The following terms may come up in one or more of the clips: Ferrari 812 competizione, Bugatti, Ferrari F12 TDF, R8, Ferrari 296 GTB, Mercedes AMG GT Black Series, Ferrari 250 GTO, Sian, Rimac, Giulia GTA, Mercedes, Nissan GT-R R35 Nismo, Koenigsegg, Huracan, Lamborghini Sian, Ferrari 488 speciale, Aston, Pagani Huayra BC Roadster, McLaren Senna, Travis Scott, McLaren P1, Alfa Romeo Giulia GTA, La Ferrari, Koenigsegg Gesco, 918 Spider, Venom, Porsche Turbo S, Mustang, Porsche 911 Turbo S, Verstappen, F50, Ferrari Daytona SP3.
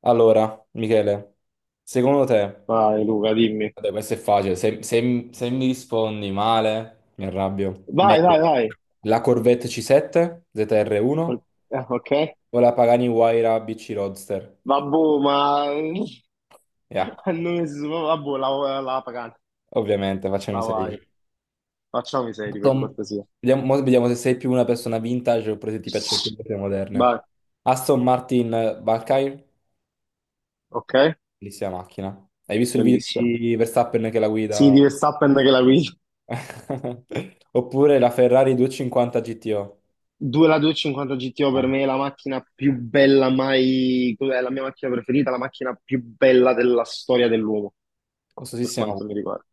Allora, Michele, secondo te, Vai Luca, dimmi. vabbè, questo è facile, se mi rispondi male, mi arrabbio. Vai, vai, vai. La Corvette C7 O- ZR1 Ok. o la Pagani Huayra BC Roadster? Vabbè, ma Yeah, non es- vabbè, la pagata, ovviamente, facciami la vai. sapere. Facciamo i seri per Aston- cortesia. Vediamo, mo vediamo se sei più una persona vintage oppure se ti piacciono più le cose moderne. Vai, Aston Martin Valkyrie, ok, bellissima macchina. Hai visto il video bellissimo. di Verstappen che la Sì, guida? di Verstappen che la guida. Oppure la Ferrari 250 GTO. La 250 GTO per Ah, me è la macchina più bella mai, è la mia macchina preferita, la macchina più bella della storia dell'uomo, per costosissima quanto mi pure. riguarda.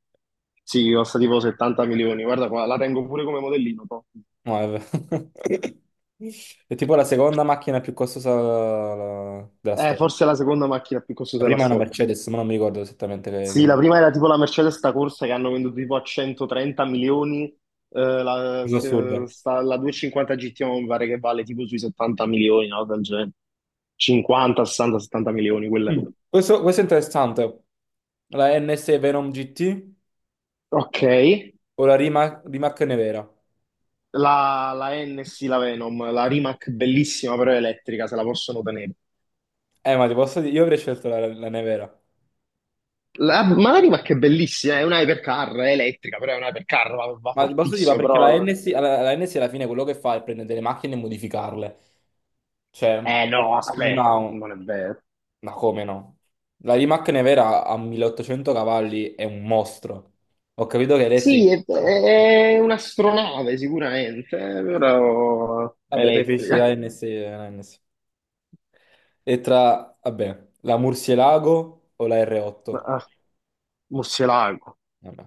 Sì, costa tipo 70 milioni. Guarda qua, la tengo pure come modellino. Toh. No, è vero. È tipo la seconda macchina più costosa della storia. Forse è la seconda macchina più La costosa della prima è una storia. Mercedes, ma non mi ricordo esattamente che Sì, la marca. prima era tipo la Mercedes sta corsa che hanno venduto tipo a 130 milioni, la, Cosa se- assurda. sta- la 250 GT mi pare che vale tipo sui 70 milioni, no? Del genere. 50, 60, 70 milioni quelle. Mm. Questo è interessante. La NS Venom GT Ok, o la Rimac Nevera? la NSI, la Venom, la Rimac bellissima però è elettrica, se la possono tenere. Ma ti posso dire, io avrei scelto la Nevera. Ma la Rimac è bellissima, è una hypercar, è elettrica, però è una hypercar, va Ma ti posso dire, ma fortissimo, perché la però. NS, la NS alla fine quello che fa è prendere delle macchine e modificarle. Cioè, Eh no, non aspetta, ha un-. non è vero. Ma come no? La Rimac Nevera a 1800 cavalli è un mostro. Ho capito che è elettrica. Sì, è un'astronave sicuramente, però è Vabbè, preferisci elettrica. la NS, la NS. E vabbè, la Murcielago o la R8? Ah, Murcielago, Vabbè,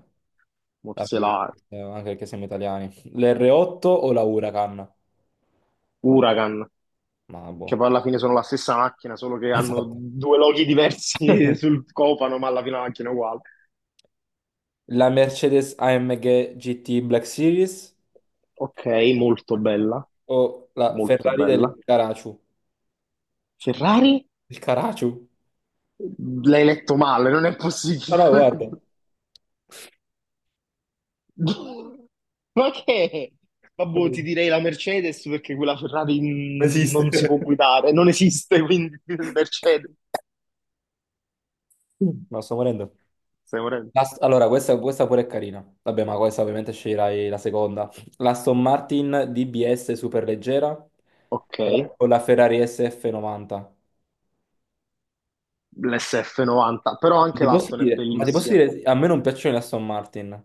vabbè, Murcielago, anche perché siamo italiani. L'R8 o la Huracan? Huracan, Ma che boh. poi alla fine sono la stessa macchina, solo che hanno Esatto. due loghi diversi sul copano, ma alla fine la macchina è uguale. La Mercedes AMG GT Black Series? Ok, molto Macchina? bella, O la molto Ferrari bella. del Caracciu? Ferrari? Il Caracciu? L'hai letto male, non è No, no, guarda, possibile. Ma che? Vabbè, ti non direi la Mercedes perché quella Ferrari esiste. non si può guidare, non esiste, quindi Mercedes. No, sto morendo. Stai morendo. Allora, questa pure è carina. Vabbè, ma questa ovviamente sceglierai la seconda. L'Aston Martin DBS superleggera Ok, o la Ferrari SF90? l'SF90, però anche Ti posso l'Aston è dire, ma ti posso bellissima. dire, a me non piacciono le Aston Martin.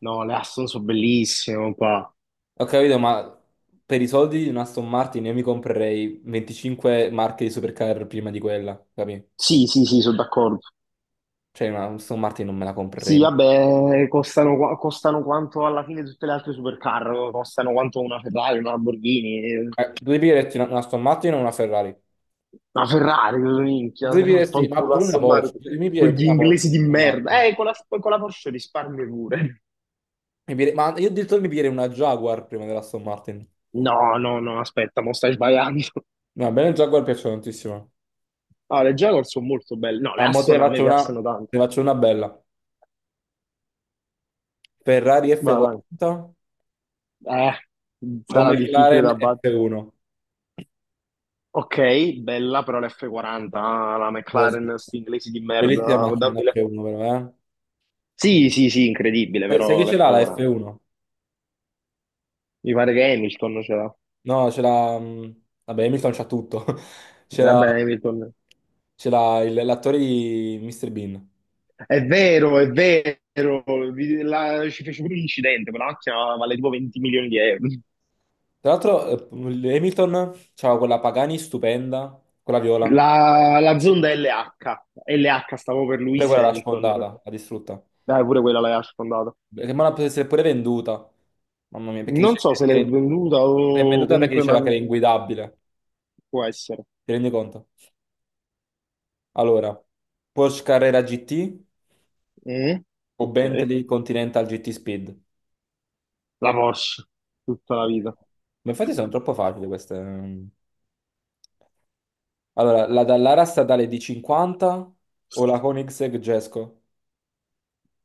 No, le Aston sono bellissime, qua. Ho capito, ma per i soldi di una Aston Martin io mi comprerei 25 marche di supercar prima di quella, capì? Sì, sì, sì, sono d'accordo. Cioè, una Aston Martin non me la comprerei Sì, mai. vabbè, costano, costano quanto alla fine tutte le altre supercar, costano quanto una Ferrari, una Lamborghini. Tu devi dirti una Aston Martin o una Ferrari? La Ferrari, minchia, Diresti, ma fanculo pure una Aston Porsche, Martin, mi piglierei quegli pure una Porsche inglesi da di Aston merda. Martin. Con la Porsche risparmi pure. Ma io addirittura mi piglierei una Jaguar prima della Aston Martin. No, no, no, aspetta, mo stai sbagliando. No, a me le Jaguar piacciono tantissimo. No, le Jaguar sono molto belle. No, le A mo te ne Aston a me faccio una, piacciono tanto. te ne faccio una bella. Ferrari Vai, vai. F40 o Sarà difficile McLaren da battere. F1? Ok, bella, però l'F40, ah, la Oh, sì. McLaren, sti inglesi di merda. Bellissima Ah, macchina la dammi l'F. F1 però, Sì, sì, sì, incredibile, eh. Sai però chi ce l'ha la l'F40. F1? Mi pare che Hamilton ce l'ha. No, ce l'ha, vabbè, Hamilton c'ha tutto. Ce l'ha Vabbè, Hamilton. ce l'ha l'attore di Mr. Bean. È vero, ci fece pure un incidente, quella macchina vale tipo 20 milioni di euro. Tra l'altro, Hamilton c'aveva quella Pagani stupenda, quella viola, pure La Zonda LH, LH stavo per Lewis quella l'ha Hamilton, sfondata, l'ha distrutta. dai pure quella l'aveva sfondata. Che ma la poteva essere pure venduta. Mamma mia, perché Non dice so se l'è che venduta che è o venduta perché comunque, ma diceva che era inguidabile. può essere. Ti rendi conto? Allora, Porsche Carrera GT Mm? o Ok, Bentley Continental GT Speed? la Porsche, tutta la vita. Ma infatti sono troppo facili queste. Allora, la Dallara statale di 50 o la Koenigsegg Gesco?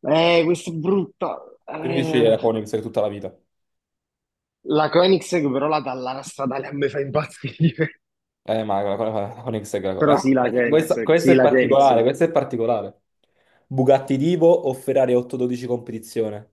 Questa è brutta. Devi dici Eh, la Koenigsegg tutta la vita. la Koenigsegg però la Dallara stradale a me fa impazzire. Ma la Koenigsegg, Però sì, la questa, Koenigsegg, questa sì, è la particolare, Koenigsegg. questa è particolare. Bugatti Divo o Ferrari 812 competizione?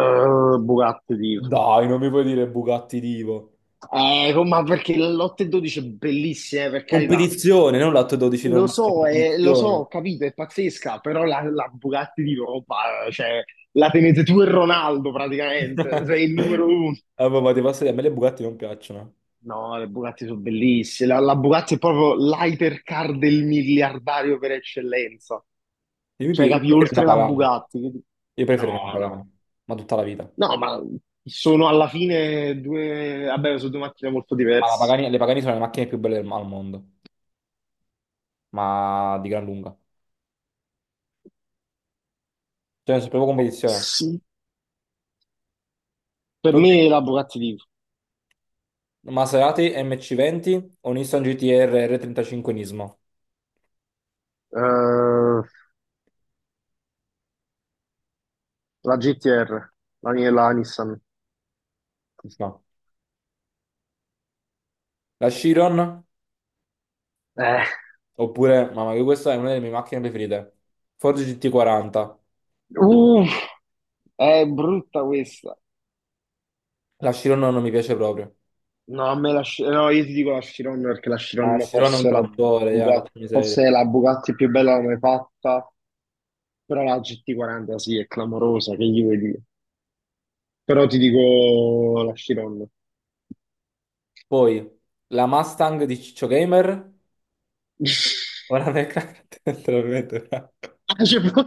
Bugatti. Dai, non mi puoi dire Bugatti Divo. Ma perché l'8 e 12 è bellissima, per carità. Competizione, non l'812 Lo normale, la so, lo so, competizione. ho capito, è pazzesca, però la Bugatti di Roma, cioè, la tenete tu e Ronaldo praticamente, sei il numero uno. Vabbè, ma ti posso dire, a me le Bugatti non piacciono. No, le Bugatti sono bellissime. La Bugatti è proprio l'hypercar del miliardario per eccellenza. Io, mi Cioè, pi- io capi, preferirei una oltre la Pagani, Bugatti. Io preferirei una No, no. Pagani, ma tutta la vita. No, ma sono alla fine due. Vabbè, sono due macchine molto Ma la diverse. Pagani- le Pagani sono le macchine più belle al mondo, ma di gran lunga. Cioè, è proprio competizione. Sì, per me la Bugatti di. Maserati MC20 o Nissan GT-R R35 Nismo? Eh, la GTR, la Nissan. No. La Chiron, Eh, oppure, mamma mia, questa è una delle mie macchine preferite. Ford GT40. uff, è brutta questa. La Chiron non mi piace proprio. No, a me la, Sci- no, io ti dico la Chiron perché la La Chiron Chiron è un forse è la trattore, yeah, Bugatti, porca miseria. forse è la Bugatti più bella mai fatta, però la GT40 sì, è clamorosa, che gli vuoi dire? Però ti dico la Chiron. Poi, la Mustang di Ciccio Gamer o la McLaren, letteralmente. No. Ah,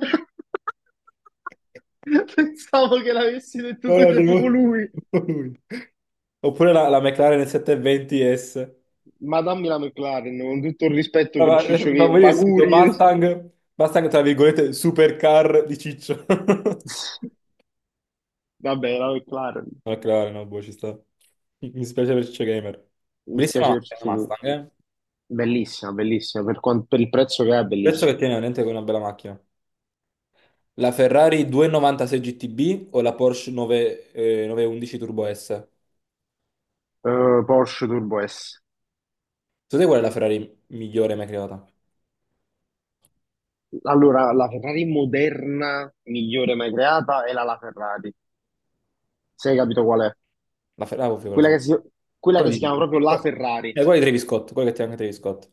pensavo che l'avessi detto No, tu, no, c'è c'è proprio lui. lui. Oppure la McLaren 720S. Ma dammi la McLaren, con tutto il rispetto per Ma, Ciccio ma Che, morire subito Paguri. Mustang, Mustang tra virgolette supercar di Ciccio. Vabbè, la McLaren, McLaren, no, boh, ci sta. Mi dispiace per Ciccio Gamer. mi Bellissima dispiace per macchina Ciccio la Che. Mustang, eh. Bellissima, bellissima, per il prezzo che è, Penso che bellissima. tiene veramente con una bella macchina. La Ferrari 296 GTB o la Porsche 911 Turbo S? Porsche Turbo S. Secondo te qual è la Ferrari migliore mai creata? Allora, la Ferrari moderna migliore mai creata è la La Ferrari. Se hai capito qual è? La Ferrari, ovvio, quella Quella so. che si, quella Quella che si chiama di... proprio La eh, Ferrari. quella di Travis Scott, quella che tiene anche Travis Scott.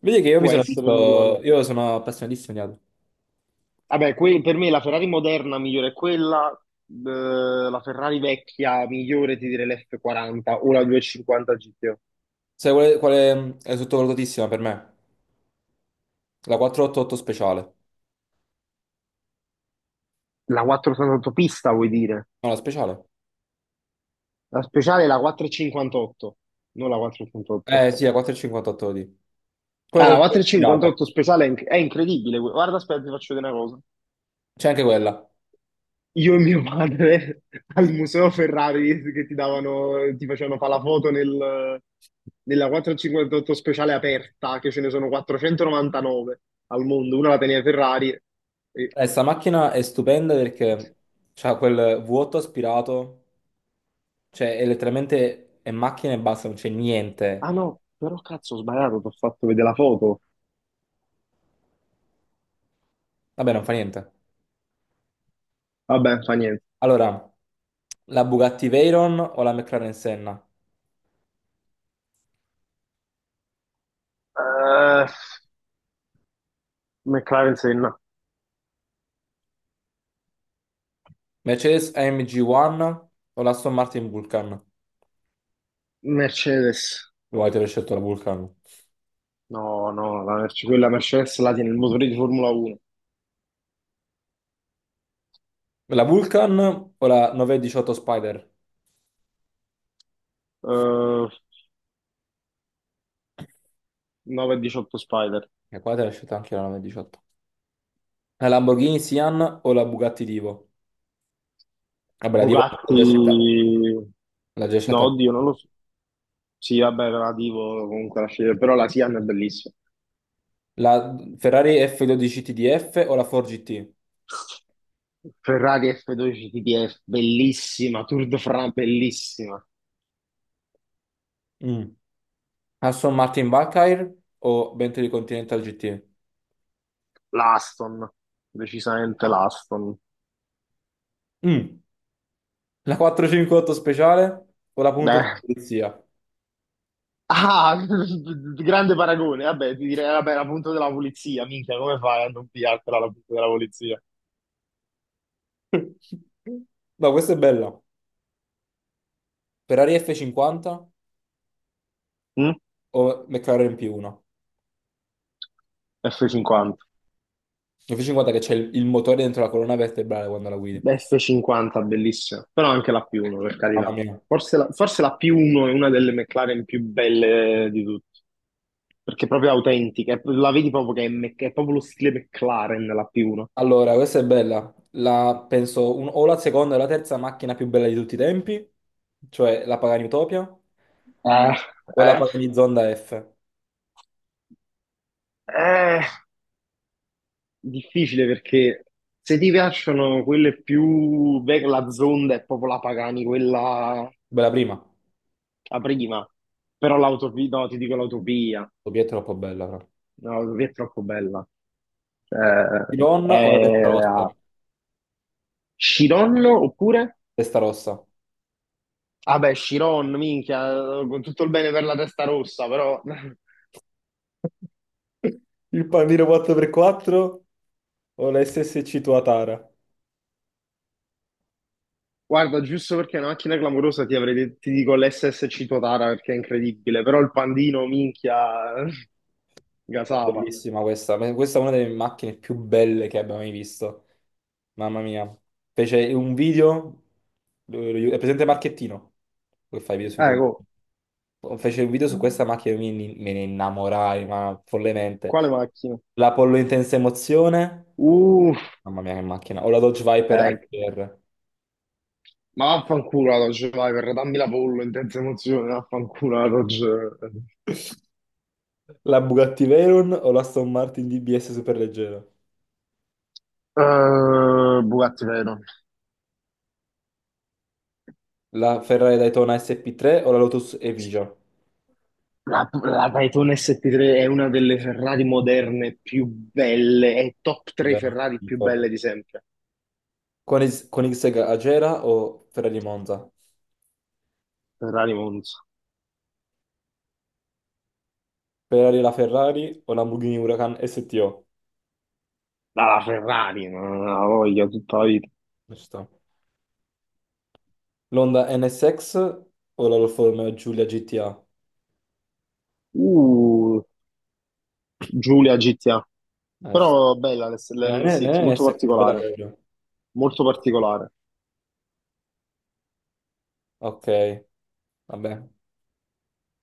Vedi che io mi Può sono essere, non mi visto, ricordo. io sono appassionatissimo di auto. Vabbè, per me la Ferrari moderna migliore è quella, la Ferrari vecchia migliore ti direi l'F40 o la 250 GTO. Sai quale è sottovalutatissima per me? La 488 speciale. La 488 pista vuoi dire? No, la speciale? La speciale è la 458, non la 488. Eh sì, la 458 di. Quella Ah, la col cuore aspirato. 458 speciale è incredibile. Guarda, aspetta, ti faccio vedere una cosa. C'è anche quella. Io e mio padre al Museo Ferrari che ti davano, ti facevano fare la foto nella 458 speciale aperta, che ce ne sono 499 al mondo, una la teneva Ferrari. e- Sta macchina è stupenda perché c'ha quel vuoto aspirato. Cioè, è letteralmente è macchina e basta, non c'è Ah niente. no, però cazzo, ho sbagliato, ti ho fatto vedere la foto. Vabbè, non fa niente. Vabbè, fa niente. Allora, la Bugatti Veyron o la McLaren Senna? Eh, McLaren Senna. Mercedes AMG One o la Aston Martin Vulcan? Mercedes. Voi avete scelto la Vulcan. No, no, quella Mercedes la tiene il motore di Formula 1. La Vulcan o la 918 Spider? Eh, 918 Spider. E qua te l'ho scelta anche io la 918. La Lamborghini Sian o la Bugatti Divo? Vabbè, la Divo l'ha Bugatti, già scelta. L'ha già no, scelta. oddio, non lo so. Sì, vabbè, relativo comunque alla scelta, però la Sian è bellissima. La Ferrari F12 TDF o la Ford GT? Ferrari F12 TTF, bellissima, Tour de France, bellissima. Mm. Aston Martin Valkyrie o Bentley Continental GT? L'Aston, decisamente l'Aston. Mm. La 458 speciale o la punto Beh. della polizia? Ah, grande paragone, vabbè, ti direi, vabbè, la punta della polizia, minchia, come fai a non pigliartela la punta della polizia? No, questa è bella. Ferrari F50 Mm? o McLaren P1? F50. F50 che c'è il motore dentro la colonna vertebrale quando la guidi. F50 bellissima, però anche la P1 per Mamma carità. mia. Forse la P1 è una delle McLaren più belle di tutte, perché è proprio autentica, la vedi proprio che è proprio lo stile McLaren la P1. Allora, questa è bella. La, penso o la seconda o la terza macchina più bella di tutti i tempi, cioè la Pagani Utopia Eh, o la eh, Pagani Zonda F. eh, Difficile perché se ti piacciono quelle più, beh, la Zonda è proprio la Pagani, quella Bella prima. la prima, però l'autopia, no, ti dico l'autopia, Utopia è troppo bella, però. no, l'autopia è troppo bella. Eh, Chiron o la testa rossa? eh, Chiron oppure? Testa rossa. Ah beh, Chiron, minchia, con tutto il bene per la testa rossa, però Il pandino 4x4 o la SSC Tuatara? guarda, giusto perché è una macchina clamorosa ti dico l'SSC Totara perché è incredibile, però il pandino, minchia, gasava. Bellissima questa. Ma questa è una delle macchine più belle che abbia mai visto. Mamma mia. Fece un video, è presente Marchettino, che fa i video su YouTube. Ecco, Fece un video su questa macchina e me ne innamorai, ma follemente. quale macchina? L'Apollo Intensa Emozione, Uh, mamma mia che macchina. O la Dodge Viper eh, HR. ma vaffanculo la Dodge, vai, per dammi la pollo, intensa emozione, vaffanculo la Dodge. La Bugatti Veyron o la Aston Martin DBS superleggera. Bugatti Veyron. La Ferrari Daytona SP3 o la Lotus Evija. La Daytona ST3 è una delle Ferrari moderne più belle, è top 3 Beh, Ferrari più belle di sempre. Con X-Tech Agera o Ferrari Monza? Ferrari Monza. Ferrari la Ferrari o Lamborghini Huracan STO? La Ferrari, non la voglio tutta la vita. Ci sta. L'Honda NSX o la Alfa Romeo Giulia GTA? Uh, Giulia GTA. Ci Però bella sta. l'S- Eh, eh, l'NSX, molto NSX è bella particolare, carina. molto particolare. Ok, vabbè.